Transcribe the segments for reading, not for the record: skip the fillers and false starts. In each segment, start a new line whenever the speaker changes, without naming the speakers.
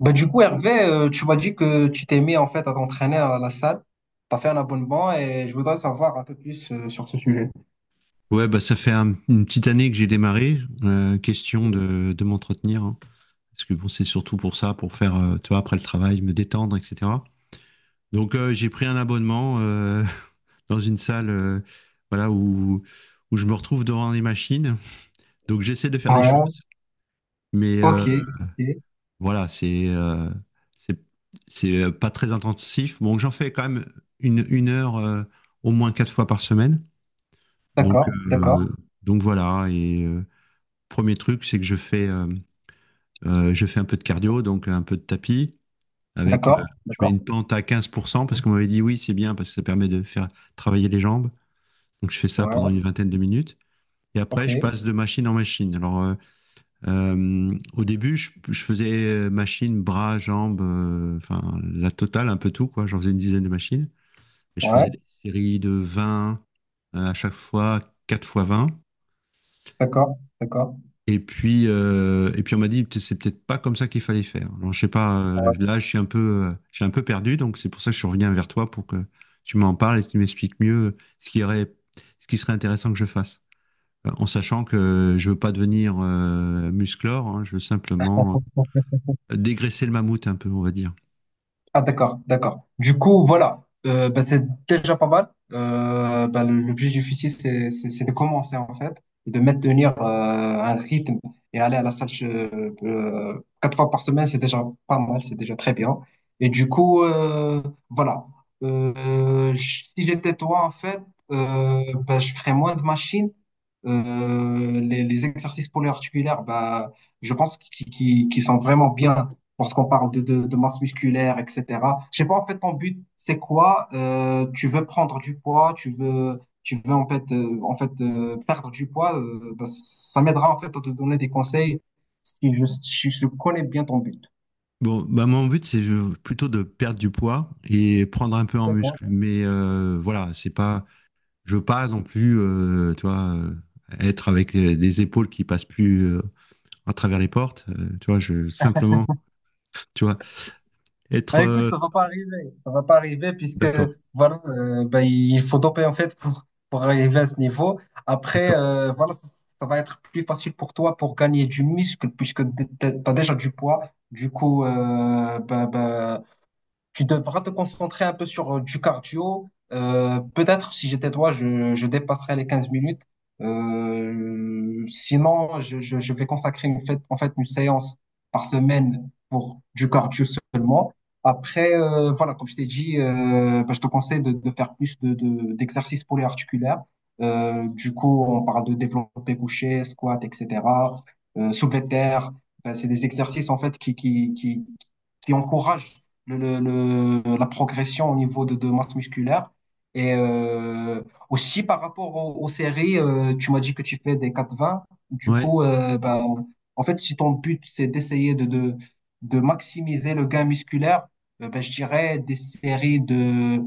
Bah, du coup, Hervé, tu m'as dit que tu t'es mis en fait à t'entraîner à la salle. Tu as fait un abonnement et je voudrais savoir un peu plus sur ce sujet.
Ouais, bah ça fait une petite année que j'ai démarré. Question de m'entretenir, hein. Parce que bon, c'est surtout pour ça, pour faire, tu vois, après le travail, me détendre, etc. Donc j'ai pris un abonnement dans une salle, voilà, où je me retrouve devant les machines. Donc j'essaie de faire des
Ouais,
choses, mais
ok, ok.
voilà, c'est c'est pas très intensif. Bon, j'en fais quand même une heure au moins quatre fois par semaine. Donc
D'accord, d'accord,
euh, donc voilà premier truc, c'est que je fais un peu de cardio, donc un peu de tapis. Avec,
d'accord,
je mets
d'accord.
une pente à 15% parce qu'on m'avait dit oui, c'est bien parce que ça permet de faire travailler les jambes. Donc je fais ça pendant
Ouais,
une vingtaine de minutes. Et après,
ok,
je passe de machine en machine. Alors, au début, je faisais machine, bras, jambes, enfin, la totale, un peu tout, quoi. J'en faisais une dizaine de machines. Et je
ouais,
faisais des séries de 20 à chaque fois, 4 fois vingt.
d'accord, d'accord.
Et puis on m'a dit, c'est peut-être pas comme ça qu'il fallait faire. Alors, je sais pas,
Ouais.
là, je suis un peu, je suis un peu perdu, donc c'est pour ça que je reviens vers toi pour que tu m'en parles et que tu m'expliques mieux ce qui serait intéressant que je fasse. En sachant que je veux pas devenir musclore, hein, je veux simplement dégraisser le mammouth un peu, on va dire.
Ah d'accord, d'accord. Du coup, voilà, Bah, c'est déjà pas mal. Bah, le plus difficile, c'est de commencer en fait, et de maintenir un rythme et aller à la salle quatre fois par semaine, c'est déjà pas mal, c'est déjà très bien. Et du coup, voilà. Si j'étais toi en fait, bah, je ferais moins de machines. Les exercices polyarticulaires, bah, je pense qu'ils qui sont vraiment bien lorsqu'on parle de masse musculaire, etc. Je sais pas, en fait, ton but, c'est quoi? Tu veux prendre du poids, tu veux en fait, perdre du poids. Bah, ça m'aidera en fait à te donner des conseils si je connais bien ton but.
Bon, bah mon but, c'est plutôt de perdre du poids et prendre un peu en
D'accord.
muscle. Mais voilà, c'est pas, je veux pas non plus, tu vois, être avec les épaules qui passent plus à travers les portes. Tu vois, je simplement, tu vois, être
Ah, écoute, ça va pas arriver. Ça va pas arriver puisque
d'accord,
voilà, ben, il faut doper en fait pour arriver à ce niveau. Après,
d'accord.
voilà, ça va être plus facile pour toi pour gagner du muscle puisque tu as déjà du poids. Du coup, ben, tu devras te concentrer un peu sur du cardio. Peut-être si j'étais toi, je dépasserais les 15 minutes. Sinon, je vais consacrer en fait une séance par semaine pour du cardio seulement. Après, voilà, comme je t'ai dit, bah, je te conseille de faire plus d'exercices polyarticulaires. Du coup, on parle de développé couché, squat, etc. Soulevé de terre. Ben, c'est des exercices en fait qui encourage la progression au niveau de masse musculaire. Et aussi par rapport aux séries, tu m'as dit que tu fais des 4-20. Du
Ouais,
coup, ben, en fait, si ton but, c'est d'essayer de maximiser le gain musculaire, ben, je dirais des séries de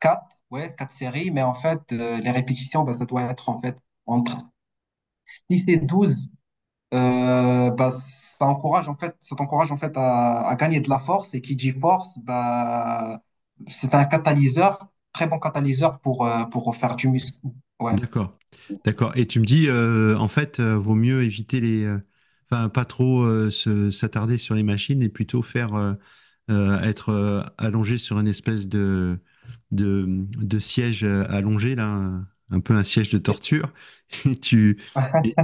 4 ouais, 4 séries. Mais en fait, les répétitions, ben, ça doit être en fait entre 6 et 12 bah, ça encourage en fait, ça t'encourage en fait à gagner de la force. Et qui dit force, bah, c'est un catalyseur, très bon catalyseur pour faire du muscle. Ouais.
d'accord. D'accord. Et tu me dis, en fait, vaut mieux éviter les. Enfin, pas trop s'attarder sur les machines et plutôt faire être allongé sur une espèce de, de siège allongé, là, un peu un siège de
Et-
torture. Et tu,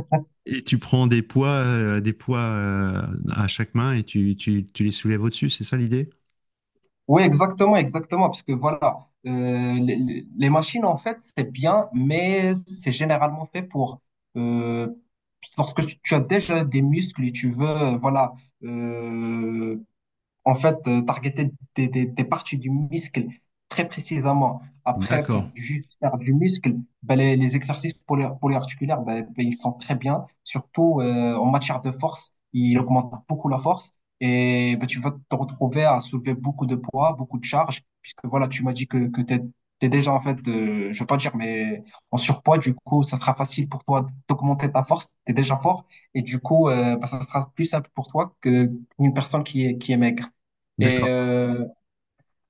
Et tu prends des poids à chaque main et tu les soulèves au-dessus, c'est ça l'idée?
Oui, exactement, exactement, parce que voilà, les machines, en fait, c'est bien, mais c'est généralement fait pour, euh, lorsque tu, tu as déjà des muscles et tu veux, voilà, euh, En fait, targeter des parties du muscle très précisément. Après,
D'accord,
pour juste faire du muscle, ben, les exercices polyarticulaires, ben, ben, ils sont très bien. Surtout en matière de force, ils augmentent beaucoup la force. Et ben, tu vas te retrouver à soulever beaucoup de poids, beaucoup de charges, puisque voilà, tu m'as dit que tu es, déjà en fait, je vais pas dire, mais en surpoids, du coup, ça sera facile pour toi d'augmenter ta force, tu es déjà fort, et du coup, ben, ça sera plus simple pour toi que une personne qui est maigre. Et
d'accord.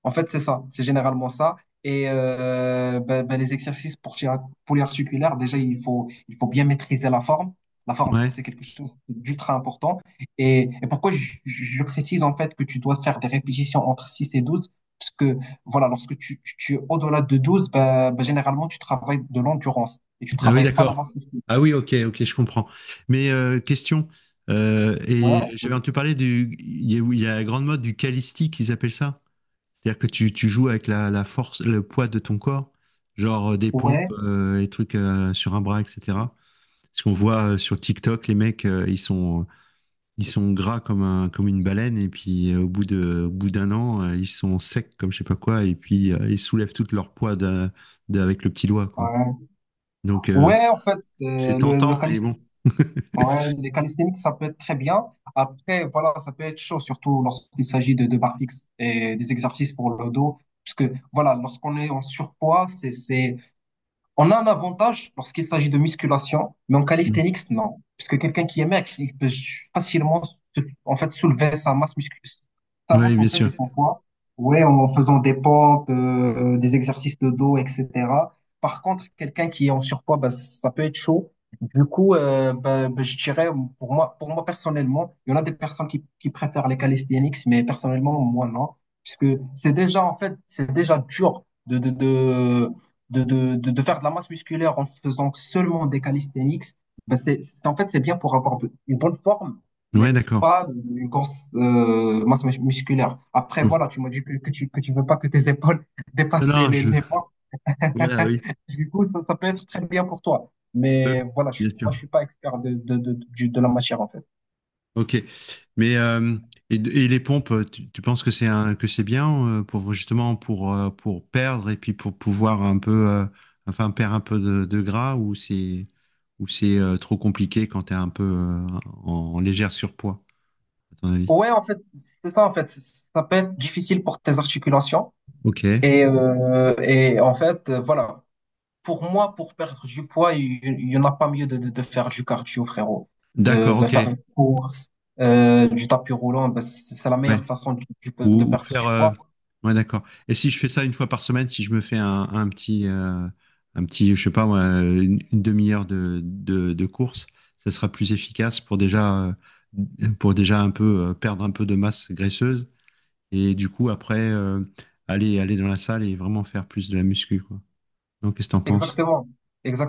en fait, c'est ça, c'est généralement ça. Et ben, ben, les exercices pour polyarticulaires, déjà, il faut bien maîtriser la forme. La forme,
Ouais.
c'est quelque chose d'ultra important. Et pourquoi je précise en fait que tu dois faire des répétitions entre 6 et 12. Parce que voilà, lorsque tu es au-delà de 12, ben, ben, généralement, tu travailles de l'endurance et tu
Ah oui,
travailles pas la
d'accord.
masse musculaire.
Ah oui, ok, ok, je comprends. Mais question,
Ouais,
et j'avais
vas-y.
entendu parler du, il y a la grande mode du calisti qu'ils appellent ça. C'est-à-dire que tu joues avec la, la force, le poids de ton corps, genre des pompes
Ouais,
et trucs sur un bras, etc. Parce qu'on voit sur TikTok, les mecs, ils sont gras comme un, comme une baleine, et puis au bout d'un an, ils sont secs comme je sais pas quoi, et puis ils soulèvent tout leur poids avec le petit doigt, quoi.
ouais.
Donc
Ouais, en fait,
c'est
le
tentant, mais bon.
Ouais, les calisthéniques, ça peut être très bien. Après, voilà, ça peut être chaud, surtout lorsqu'il s'agit de barres fixes et des exercices pour le dos. Parce que, voilà, lorsqu'on est en surpoids, c'est, on a un avantage lorsqu'il s'agit de musculation, mais en
Mm.
calisthenics, non. Parce que quelqu'un qui est maigre, il peut facilement en fait, soulever sa masse musculaire, sa
Oui,
masse
bien
en fait
sûr.
et son poids, ouais, en faisant des pompes, des exercices de dos, etc. Par contre, quelqu'un qui est en surpoids, bah, ça peut être chaud. Du coup, bah, bah, je dirais, pour moi personnellement, il y en a des personnes qui préfèrent les calisthenics, mais personnellement, moi, non. Puisque c'est déjà, en fait, c'est déjà dur de faire de la masse musculaire en faisant seulement des calisthenics, en fait, c'est bien pour une bonne forme,
Ouais,
mais
d'accord.
pas une grosse masse musculaire. Après,
Non,
voilà, tu m'as dit que tu veux pas que tes épaules dépassent
non, je.
les bras.
Voilà, oui.
Du coup, ça peut être très bien pour toi.
Euh,
Mais voilà, je,
bien
moi,
sûr.
je suis pas expert de la matière, en fait.
Ok. Mais et les pompes, tu penses que c'est un, que c'est bien pour justement pour perdre et puis pour pouvoir un peu, enfin perdre un peu de gras ou c'est trop compliqué quand t'es un peu en légère surpoids, à ton avis?
Ouais, en fait, c'est ça, en fait. Ça peut être difficile pour tes articulations.
Ok.
Et en fait, voilà. Pour moi, pour perdre du poids, il n'y en a pas mieux de faire du cardio, frérot.
D'accord.
Ben,
Ok.
faire une course, du tapis roulant, ben, c'est la
Ouais.
meilleure façon de
Ou
perdre
faire.
du poids.
Ouais, d'accord. Et si je fais ça une fois par semaine, si je me fais un petit, je sais pas, moi, une demi-heure de, de course, ça sera plus efficace pour déjà un peu perdre un peu de masse graisseuse et du coup après aller dans la salle et vraiment faire plus de la muscu, quoi. Donc, qu'est-ce que t'en penses?
Exactement,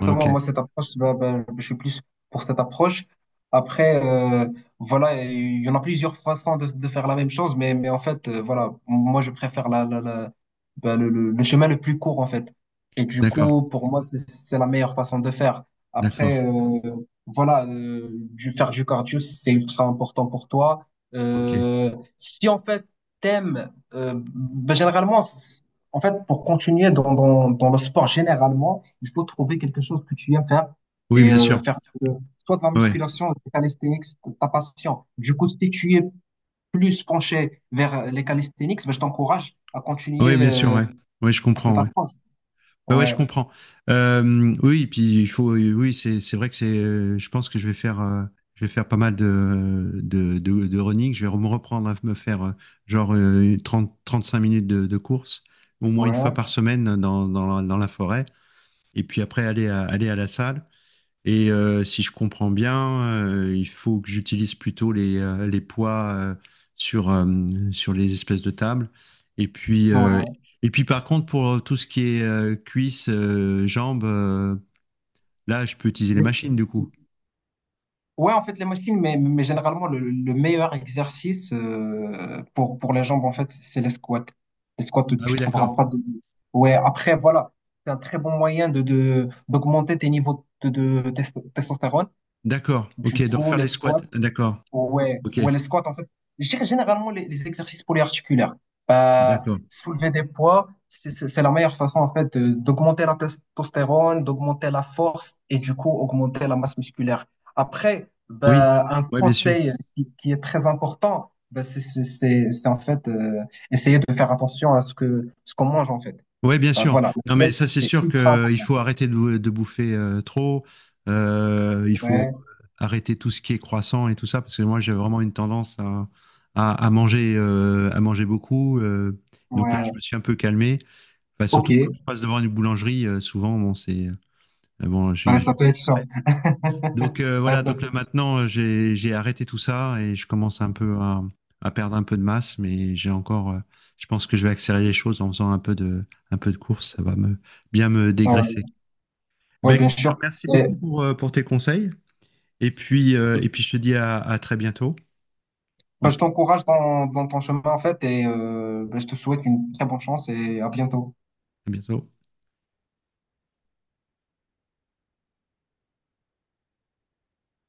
Ouais, ok.
Moi, cette approche, ben, ben, je suis plus pour cette approche. Après, voilà, il y en a plusieurs façons de faire la même chose, mais en fait, voilà, moi, je préfère ben, le chemin le plus court, en fait. Et du
D'accord.
coup, pour moi, c'est la meilleure façon de faire. Après,
D'accord.
voilà, faire du cardio, c'est ultra important pour toi.
Ok.
Si en fait, t'aimes, ben, généralement, en fait, pour continuer dans le sport généralement, il faut trouver quelque chose que tu aimes faire
Oui,
et
bien sûr.
faire soit de la
Ouais.
musculation, des calisthenics, ta passion. Du coup, si tu es plus penché vers les calisthenics, ben, je t'encourage à
Oui,
continuer
bien sûr. Ouais. Oui, je
par cette
comprends. Ouais.
approche.
Ouais, ouais, je
Ouais,
comprends. Euh, oui, puis il faut, oui, c'est vrai que c'est, je pense que je vais faire pas mal de running. Je vais me reprendre à me faire genre trente, trente-cinq minutes de, course, au moins une fois
ouais,
par semaine dans la forêt, et puis après aller à la salle. Et si je comprends bien, il faut que j'utilise plutôt les poids sur, euh, sur les espèces de tables. Et puis, euh,
ouais.
et puis par contre, pour tout ce qui est cuisses, jambes, là, je peux utiliser les machines du coup.
Ouais, en fait, les machines, mais généralement, le meilleur exercice pour les jambes, en fait, c'est les squats. Les squats, tu ne
Ah oui,
trouveras
d'accord.
pas de... Ouais, après, voilà, c'est un très bon moyen d'augmenter tes niveaux de testostérone.
D'accord. Ok,
Du
donc
coup,
faire
les
les squats.
squats,
D'accord.
Ouais,
Ok,
ouais, les squats, en fait, je dirais généralement les exercices polyarticulaires. Euh,
d'accord.
soulever des poids, c'est la meilleure façon, en fait, d'augmenter la testostérone, d'augmenter la force et du coup, augmenter la masse musculaire. Après,
Oui,
bah, un
ouais, bien sûr.
conseil qui est très important, bah, c'est en fait essayer de faire attention à ce que ce qu'on mange, en fait.
Ouais, bien
Bah,
sûr.
voilà,
Non, mais
l'assiette,
ça, c'est
c'est
sûr
ultra
qu'il
important.
faut arrêter de, de bouffer trop. Il faut
Ouais,
arrêter tout ce qui est croissant et tout ça, parce que moi, j'ai vraiment une tendance à manger beaucoup. Donc là, je me
ouais,
suis un peu calmé. Enfin,
ok.
surtout quand je passe devant une boulangerie, souvent, bon, c'est. Bon,
Ouais, ça peut être chiant.
donc
Ouais,
voilà,
ça peut...
donc là maintenant j'ai arrêté tout ça et je commence un peu à perdre un peu de masse, mais j'ai encore, je pense que je vais accélérer les choses en faisant un peu de course, ça va me bien me dégraisser.
ouais.
Eh ben
Ouais, bien
écoute, je te
sûr.
remercie beaucoup
Et,
pour tes conseils et
euh,
puis je te dis à très bientôt
bah,
et
je
puis
t'encourage dans ton chemin, en fait, et bah, je te souhaite une très bonne chance et à bientôt.
à bientôt.